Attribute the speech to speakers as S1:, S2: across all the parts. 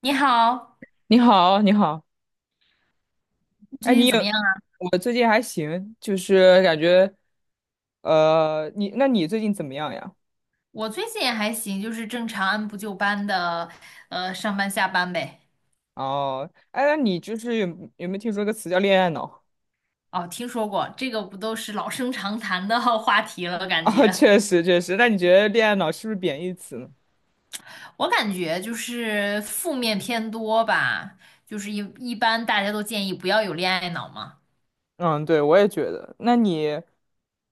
S1: 你好，
S2: 你好，你好，
S1: 你
S2: 哎，
S1: 最近
S2: 你
S1: 怎么
S2: 有，
S1: 样啊？
S2: 我最近还行，就是感觉，那你最近怎么样呀？
S1: 我最近也还行，就是正常按部就班的，上班下班呗。
S2: 哦，哎，那你就是有没有听说个词叫恋爱脑？
S1: 哦，听说过，这个不都是老生常谈的 话题了？
S2: 啊、确实确实，那你觉得恋爱脑是不是贬义词呢？
S1: 我感觉就是负面偏多吧，就是一般大家都建议不要有恋爱脑嘛。
S2: 嗯，对，我也觉得。那你，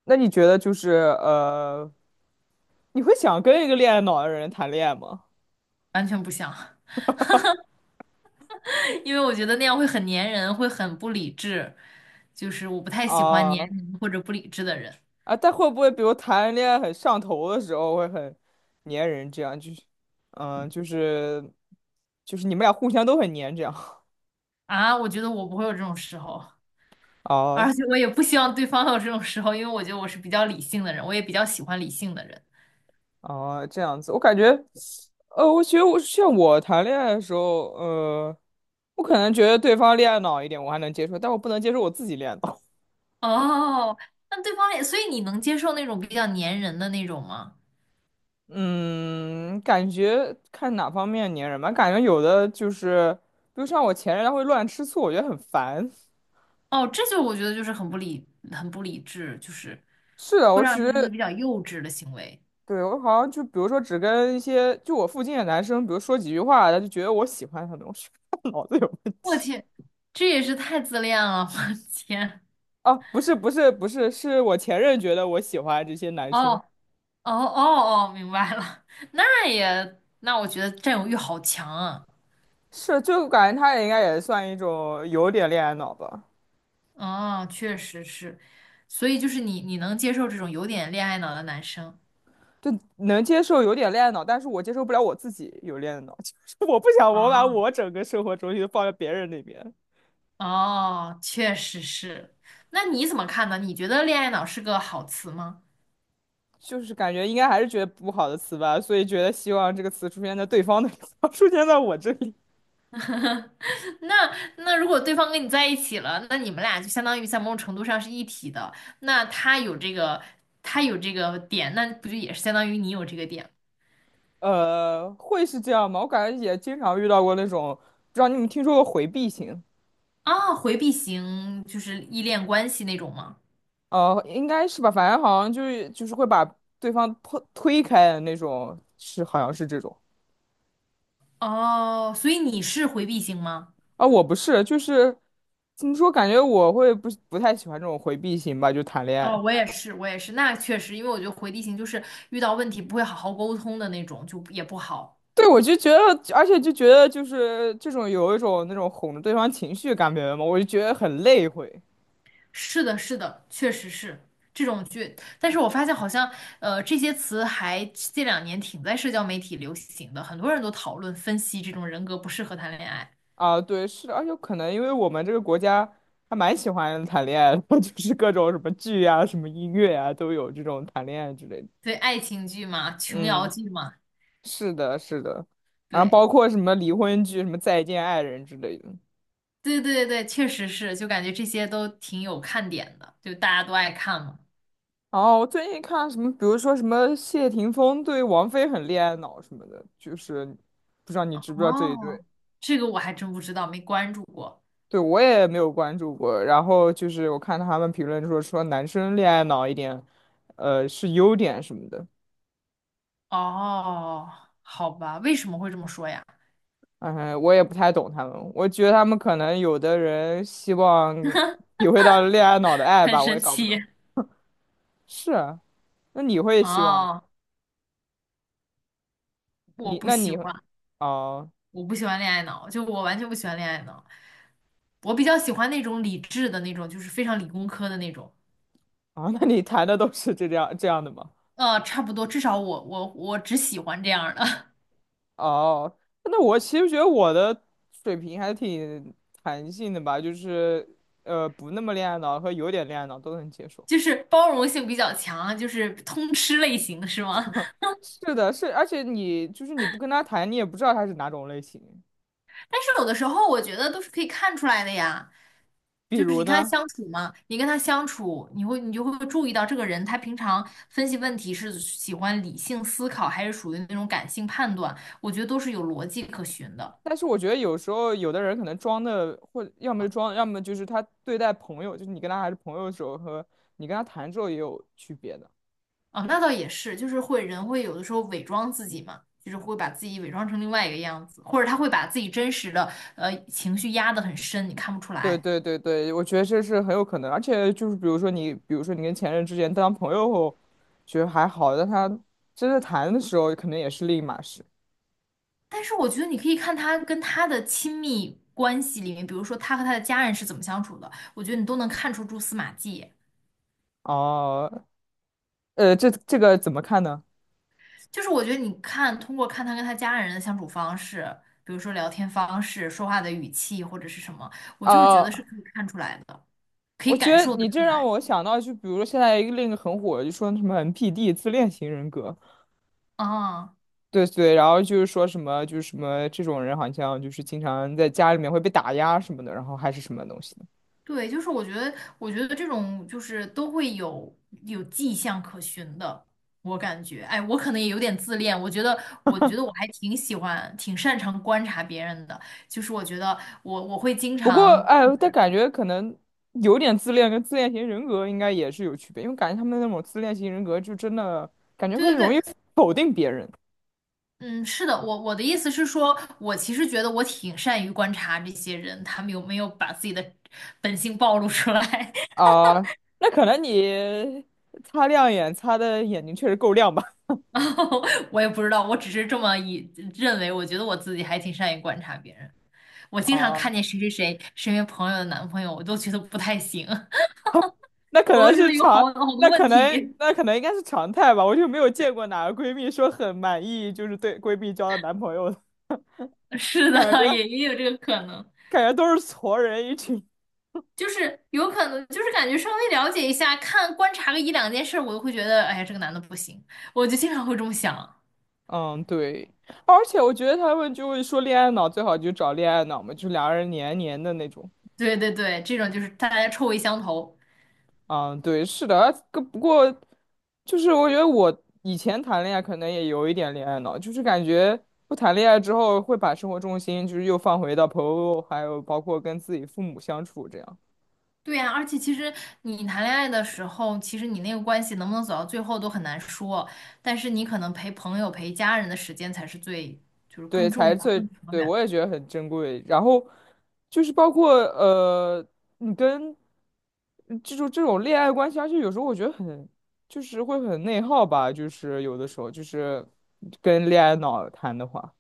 S2: 那你觉得就是你会想跟一个恋爱脑的人谈恋爱吗？
S1: 完全不想，因为我觉得那样会很粘人，会很不理智，就是我不太喜欢粘
S2: 啊、
S1: 人或者不理智的人。
S2: 啊，但会不会比如谈恋爱很上头的时候会很粘人，这样就是，嗯，就是就是你们俩互相都很粘，这样。
S1: 啊，我觉得我不会有这种时候。
S2: 啊
S1: 而且我也不希望对方有这种时候，因为我觉得我是比较理性的人，我也比较喜欢理性的人。
S2: 啊 这样子，我感觉，我觉得我像我谈恋爱的时候，我可能觉得对方恋爱脑一点，我还能接受，但我不能接受我自己恋爱脑。
S1: 哦，那对方也，所以你能接受那种比较粘人的那种吗？
S2: 嗯，感觉看哪方面粘人吧，感觉有的就是，比如像我前任，他会乱吃醋，我觉得很烦。
S1: 哦，这就我觉得就是很不理智，就是
S2: 是的，
S1: 会
S2: 我
S1: 让人
S2: 只
S1: 觉得
S2: 是。
S1: 比较幼稚的行为。
S2: 对，我好像就比如说只跟一些就我附近的男生，比如说几句话，他就觉得我喜欢他们，我觉得他脑子有问
S1: 我
S2: 题。
S1: 天，这也是太自恋了，我天！
S2: 哦，不是不是不是，是我前任觉得我喜欢这些 男
S1: 哦
S2: 生，
S1: 哦哦哦，明白了。那我觉得占有欲好强啊。
S2: 是就感觉他也应该也算一种有点恋爱脑吧，
S1: 哦，确实是，所以就是你能接受这种有点恋爱脑的男生
S2: 就能接受有点恋爱脑，但是我接受不了我自己有恋爱脑，就是我不想我把
S1: 啊？
S2: 我整个生活重心都放在别人那边，
S1: 哦，确实是。那你怎么看呢？你觉得恋爱脑是个好词吗？
S2: 就是感觉应该还是觉得不好的词吧，所以觉得希望这个词出现在对方的地方 出现在我这里。
S1: 那如果对方跟你在一起了，那你们俩就相当于在某种程度上是一体的。那他有这个，他有这个点，那不就也是相当于你有这个点
S2: 会是这样吗？我感觉也经常遇到过那种，不知道你们听说过回避型？
S1: 啊？回避型就是依恋关系那种吗？
S2: 应该是吧，反正好像就是会把对方推开的那种，是好像是这种。
S1: 哦，所以你是回避型吗？
S2: 啊，我不是，就是怎么说，感觉我会不太喜欢这种回避型吧，就谈恋
S1: 哦，
S2: 爱。
S1: 我也是，我也是，那确实，因为我觉得回地形就是遇到问题不会好好沟通的那种，就也不好。
S2: 对，我就觉得，而且就觉得就是这种有一种那种哄着对方情绪感觉嘛，我就觉得很累会。
S1: 是的，是的，确实是这种剧。但是我发现好像，这些词还这两年挺在社交媒体流行的，很多人都讨论分析这种人格不适合谈恋爱。
S2: 啊，对，是的，而且可能因为我们这个国家还蛮喜欢谈恋爱的，就是各种什么剧啊、什么音乐啊，都有这种谈恋爱之类的。
S1: 对，爱情剧嘛，琼瑶
S2: 嗯，
S1: 剧嘛。
S2: 是的，是的，然后
S1: 对，
S2: 包括什么离婚剧、什么再见爱人之类的。
S1: 对对对，确实是，就感觉这些都挺有看点的，就大家都爱看嘛。
S2: 哦，我最近看什么，比如说什么谢霆锋对王菲很恋爱脑什么的，就是不知道你知不知道这一对？
S1: 哦，这个我还真不知道，没关注过。
S2: 对，我也没有关注过。然后就是我看他们评论说男生恋爱脑一点，是优点什么的。
S1: 哦，好吧，为什么会这么说呀？
S2: 嗯，我也不太懂他们，我觉得他们可能有的人希望体会到恋爱脑的 爱
S1: 很
S2: 吧，我
S1: 神
S2: 也搞不懂。
S1: 奇。
S2: 是啊，那你会希望吗？
S1: 哦，我
S2: 你
S1: 不
S2: 那
S1: 喜
S2: 你会
S1: 欢，
S2: 哦
S1: 恋爱脑，就我完全不喜欢恋爱脑。我比较喜欢那种理智的那种，就是非常理工科的那种。
S2: 哦，那你谈的都是这样的吗？
S1: 差不多，至少我只喜欢这样儿的。
S2: 哦，那我其实觉得我的水平还挺弹性的吧，就是不那么恋爱脑和有点恋爱脑都能接 受。
S1: 就是包容性比较强，就是通吃类型，是吗？
S2: 是的，是，而且你就是你不跟他谈，你也不知道他是哪种类型。
S1: 但是有的时候我觉得都是可以看出来的呀，
S2: 比
S1: 就是
S2: 如呢？
S1: 你跟他相处，你就会注意到这个人他平常分析问题是喜欢理性思考，还是属于那种感性判断，我觉得都是有逻辑可循的。
S2: 但是我觉得有时候有的人可能装的，或要么是装，要么就是他对待朋友，就是你跟他还是朋友的时候和你跟他谈之后也有区别的。
S1: 啊，那倒也是，就是人会有的时候伪装自己嘛，就是会把自己伪装成另外一个样子，或者他会把自己真实的情绪压得很深，你看不出
S2: 对
S1: 来。
S2: 对对对，我觉得这是很有可能，而且就是比如说你跟前任之间当朋友后，觉得还好，但他真的谈的时候，可能也是另一码事。
S1: 但是我觉得你可以看他跟他的亲密关系里面，比如说他和他的家人是怎么相处的，我觉得你都能看出蛛丝马迹。
S2: 哦，这个怎么看呢？
S1: 就是我觉得你看，通过看他跟他家人的相处方式，比如说聊天方式、说话的语气或者是什么，我就是觉得是
S2: 哦，
S1: 可以看出来的，可以
S2: 我觉
S1: 感
S2: 得
S1: 受得
S2: 你这
S1: 出
S2: 让
S1: 来。
S2: 我想到，就比如说现在另一个很火，就说什么 NPD 自恋型人格。
S1: 啊。
S2: 对对，然后就是说什么，就是什么这种人好像就是经常在家里面会被打压什么的，然后还是什么东西的。
S1: 对，就是我觉得，这种就是都会有迹象可循的。我感觉，哎，我可能也有点自恋。我觉得我还挺喜欢，挺擅长观察别人的，就是我觉得我会经
S2: 不过，
S1: 常。
S2: 哎，但感觉可能有点自恋跟自恋型人格应该也是有区别，因为感觉他们那种自恋型人格就真的感觉会
S1: 对对
S2: 容易
S1: 对。
S2: 否定别人。
S1: 嗯，是的，我的意思是说，我其实觉得我挺善于观察这些人，他们有没有把自己的本性暴露出来。
S2: 啊、那可能你擦的眼睛确实够亮吧？
S1: 我也不知道，我只是这么以认为，我觉得我自己还挺善于观察别人。我经常
S2: 啊、
S1: 看见谁谁谁身边朋友的男朋友，我都觉得不太行。
S2: 那 可
S1: 我
S2: 能
S1: 都觉
S2: 是
S1: 得有好好
S2: 常，
S1: 多
S2: 那
S1: 问
S2: 可能
S1: 题。
S2: 那可能应该是常态吧，我就没有见过哪个闺蜜说很满意，就是对闺蜜交的男朋友的。
S1: 是
S2: 感
S1: 的，
S2: 觉
S1: 也有这个可能，
S2: 感觉都是矬人一群。
S1: 就是有可能，就是感觉稍微了解一下，观察个一两件事，我就会觉得，哎呀，这个男的不行，我就经常会这么想。
S2: 嗯，对，而且我觉得他们就会说恋爱脑最好就找恋爱脑嘛，就两个人黏黏的那种。
S1: 对对对，这种就是大家臭味相投。
S2: 嗯，对，是的，不过就是我觉得我以前谈恋爱可能也有一点恋爱脑，就是感觉不谈恋爱之后会把生活重心就是又放回到朋友，还有包括跟自己父母相处这样。
S1: 对呀，而且其实你谈恋爱的时候，其实你那个关系能不能走到最后都很难说，但是你可能陪朋友、陪家人的时间才是最，就是更
S2: 对，才
S1: 重
S2: 是
S1: 要、
S2: 最，
S1: 更长
S2: 对，
S1: 远。
S2: 我也觉得很珍贵。然后就是包括呃，你跟嗯这种这种恋爱关系，而且有时候我觉得就是会很内耗吧，就是有的时候就是跟恋爱脑谈的话。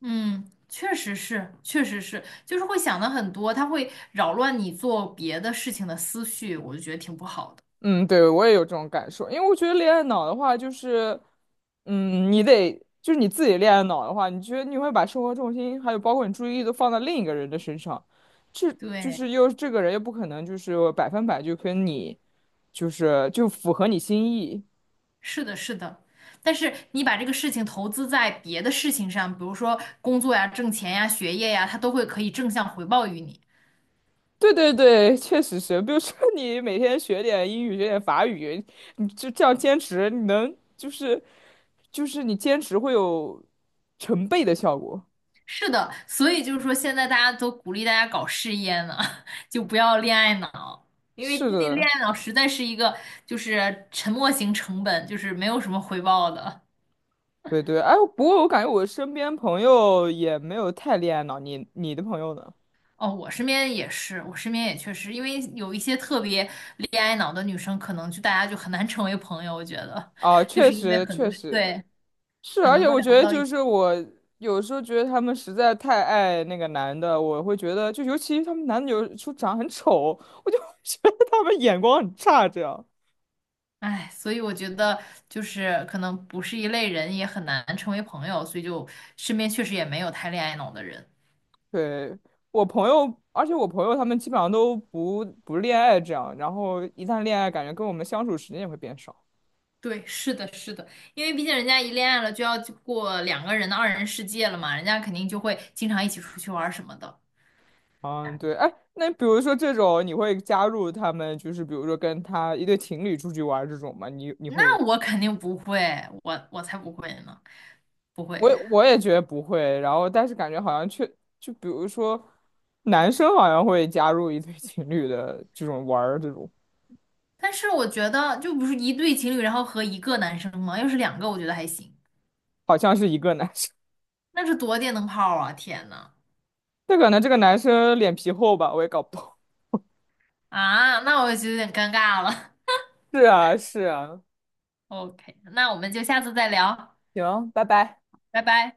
S1: 嗯，确实是，确实是，就是会想的很多，他会扰乱你做别的事情的思绪，我就觉得挺不好的。
S2: 嗯，对，我也有这种感受，因为我觉得恋爱脑的话，就是，你得就是你自己恋爱脑的话，你觉得你会把生活重心还有包括你注意力都放到另一个人的身上，这就
S1: 对，
S2: 是又这个人又不可能就是百分百就跟你，就符合你心意。
S1: 是的，是的。但是你把这个事情投资在别的事情上，比如说工作呀、挣钱呀、学业呀，它都会可以正向回报于你。
S2: 对对对，确实是，比如说你每天学点英语，学点法语，你就这样坚持，你能就是就是你坚持会有成倍的效果。
S1: 是的，所以就是说，现在大家都鼓励大家搞事业呢。就不要恋爱脑，因为
S2: 是
S1: 那恋
S2: 的。
S1: 爱脑实在是一个就是沉没型成本，就是没有什么回报的。
S2: 对对，哎，不过我感觉我身边朋友也没有太恋爱脑，你的朋友呢？
S1: 哦，我身边也是，我身边也确实，因为有一些特别恋爱脑的女生，可能就大家就很难 成为朋友。我觉得，
S2: 啊，
S1: 就
S2: 确
S1: 是因为
S2: 实确实是，
S1: 很
S2: 而
S1: 多
S2: 且
S1: 都
S2: 我
S1: 聊
S2: 觉
S1: 不
S2: 得
S1: 到一
S2: 就
S1: 起。
S2: 是我有时候觉得他们实在太爱那个男的，我会觉得就尤其他们男的有时候长得很丑，我就会觉得他们眼光很差。这样，
S1: 哎，所以我觉得就是可能不是一类人，也很难成为朋友，所以就身边确实也没有太恋爱脑的人。
S2: 对，我朋友他们基本上都不恋爱这样，然后一旦恋爱，感觉跟我们相处时间也会变少。
S1: 对，是的，是的，因为毕竟人家一恋爱了，就要过两个人的二人世界了嘛，人家肯定就会经常一起出去玩儿什么的。
S2: 嗯，对，哎，那比如说这种，你会加入他们，就是比如说跟他一对情侣出去玩儿这种吗？你会有？
S1: 那我肯定不会，我才不会呢，不会。
S2: 我也觉得不会，然后但是感觉好像就比如说男生好像会加入一对情侣的这种玩儿这种，
S1: 但是我觉得就不是一对情侣，然后和一个男生吗？要是两个，我觉得还行。
S2: 好像是一个男生，
S1: 那是多电灯泡啊！天呐，
S2: 但可能这个男生脸皮厚吧，我也搞不懂。
S1: 啊，那我就有点尴尬了。
S2: 是啊，是啊，
S1: OK，那我们就下次再聊，
S2: 行，拜拜。
S1: 拜拜。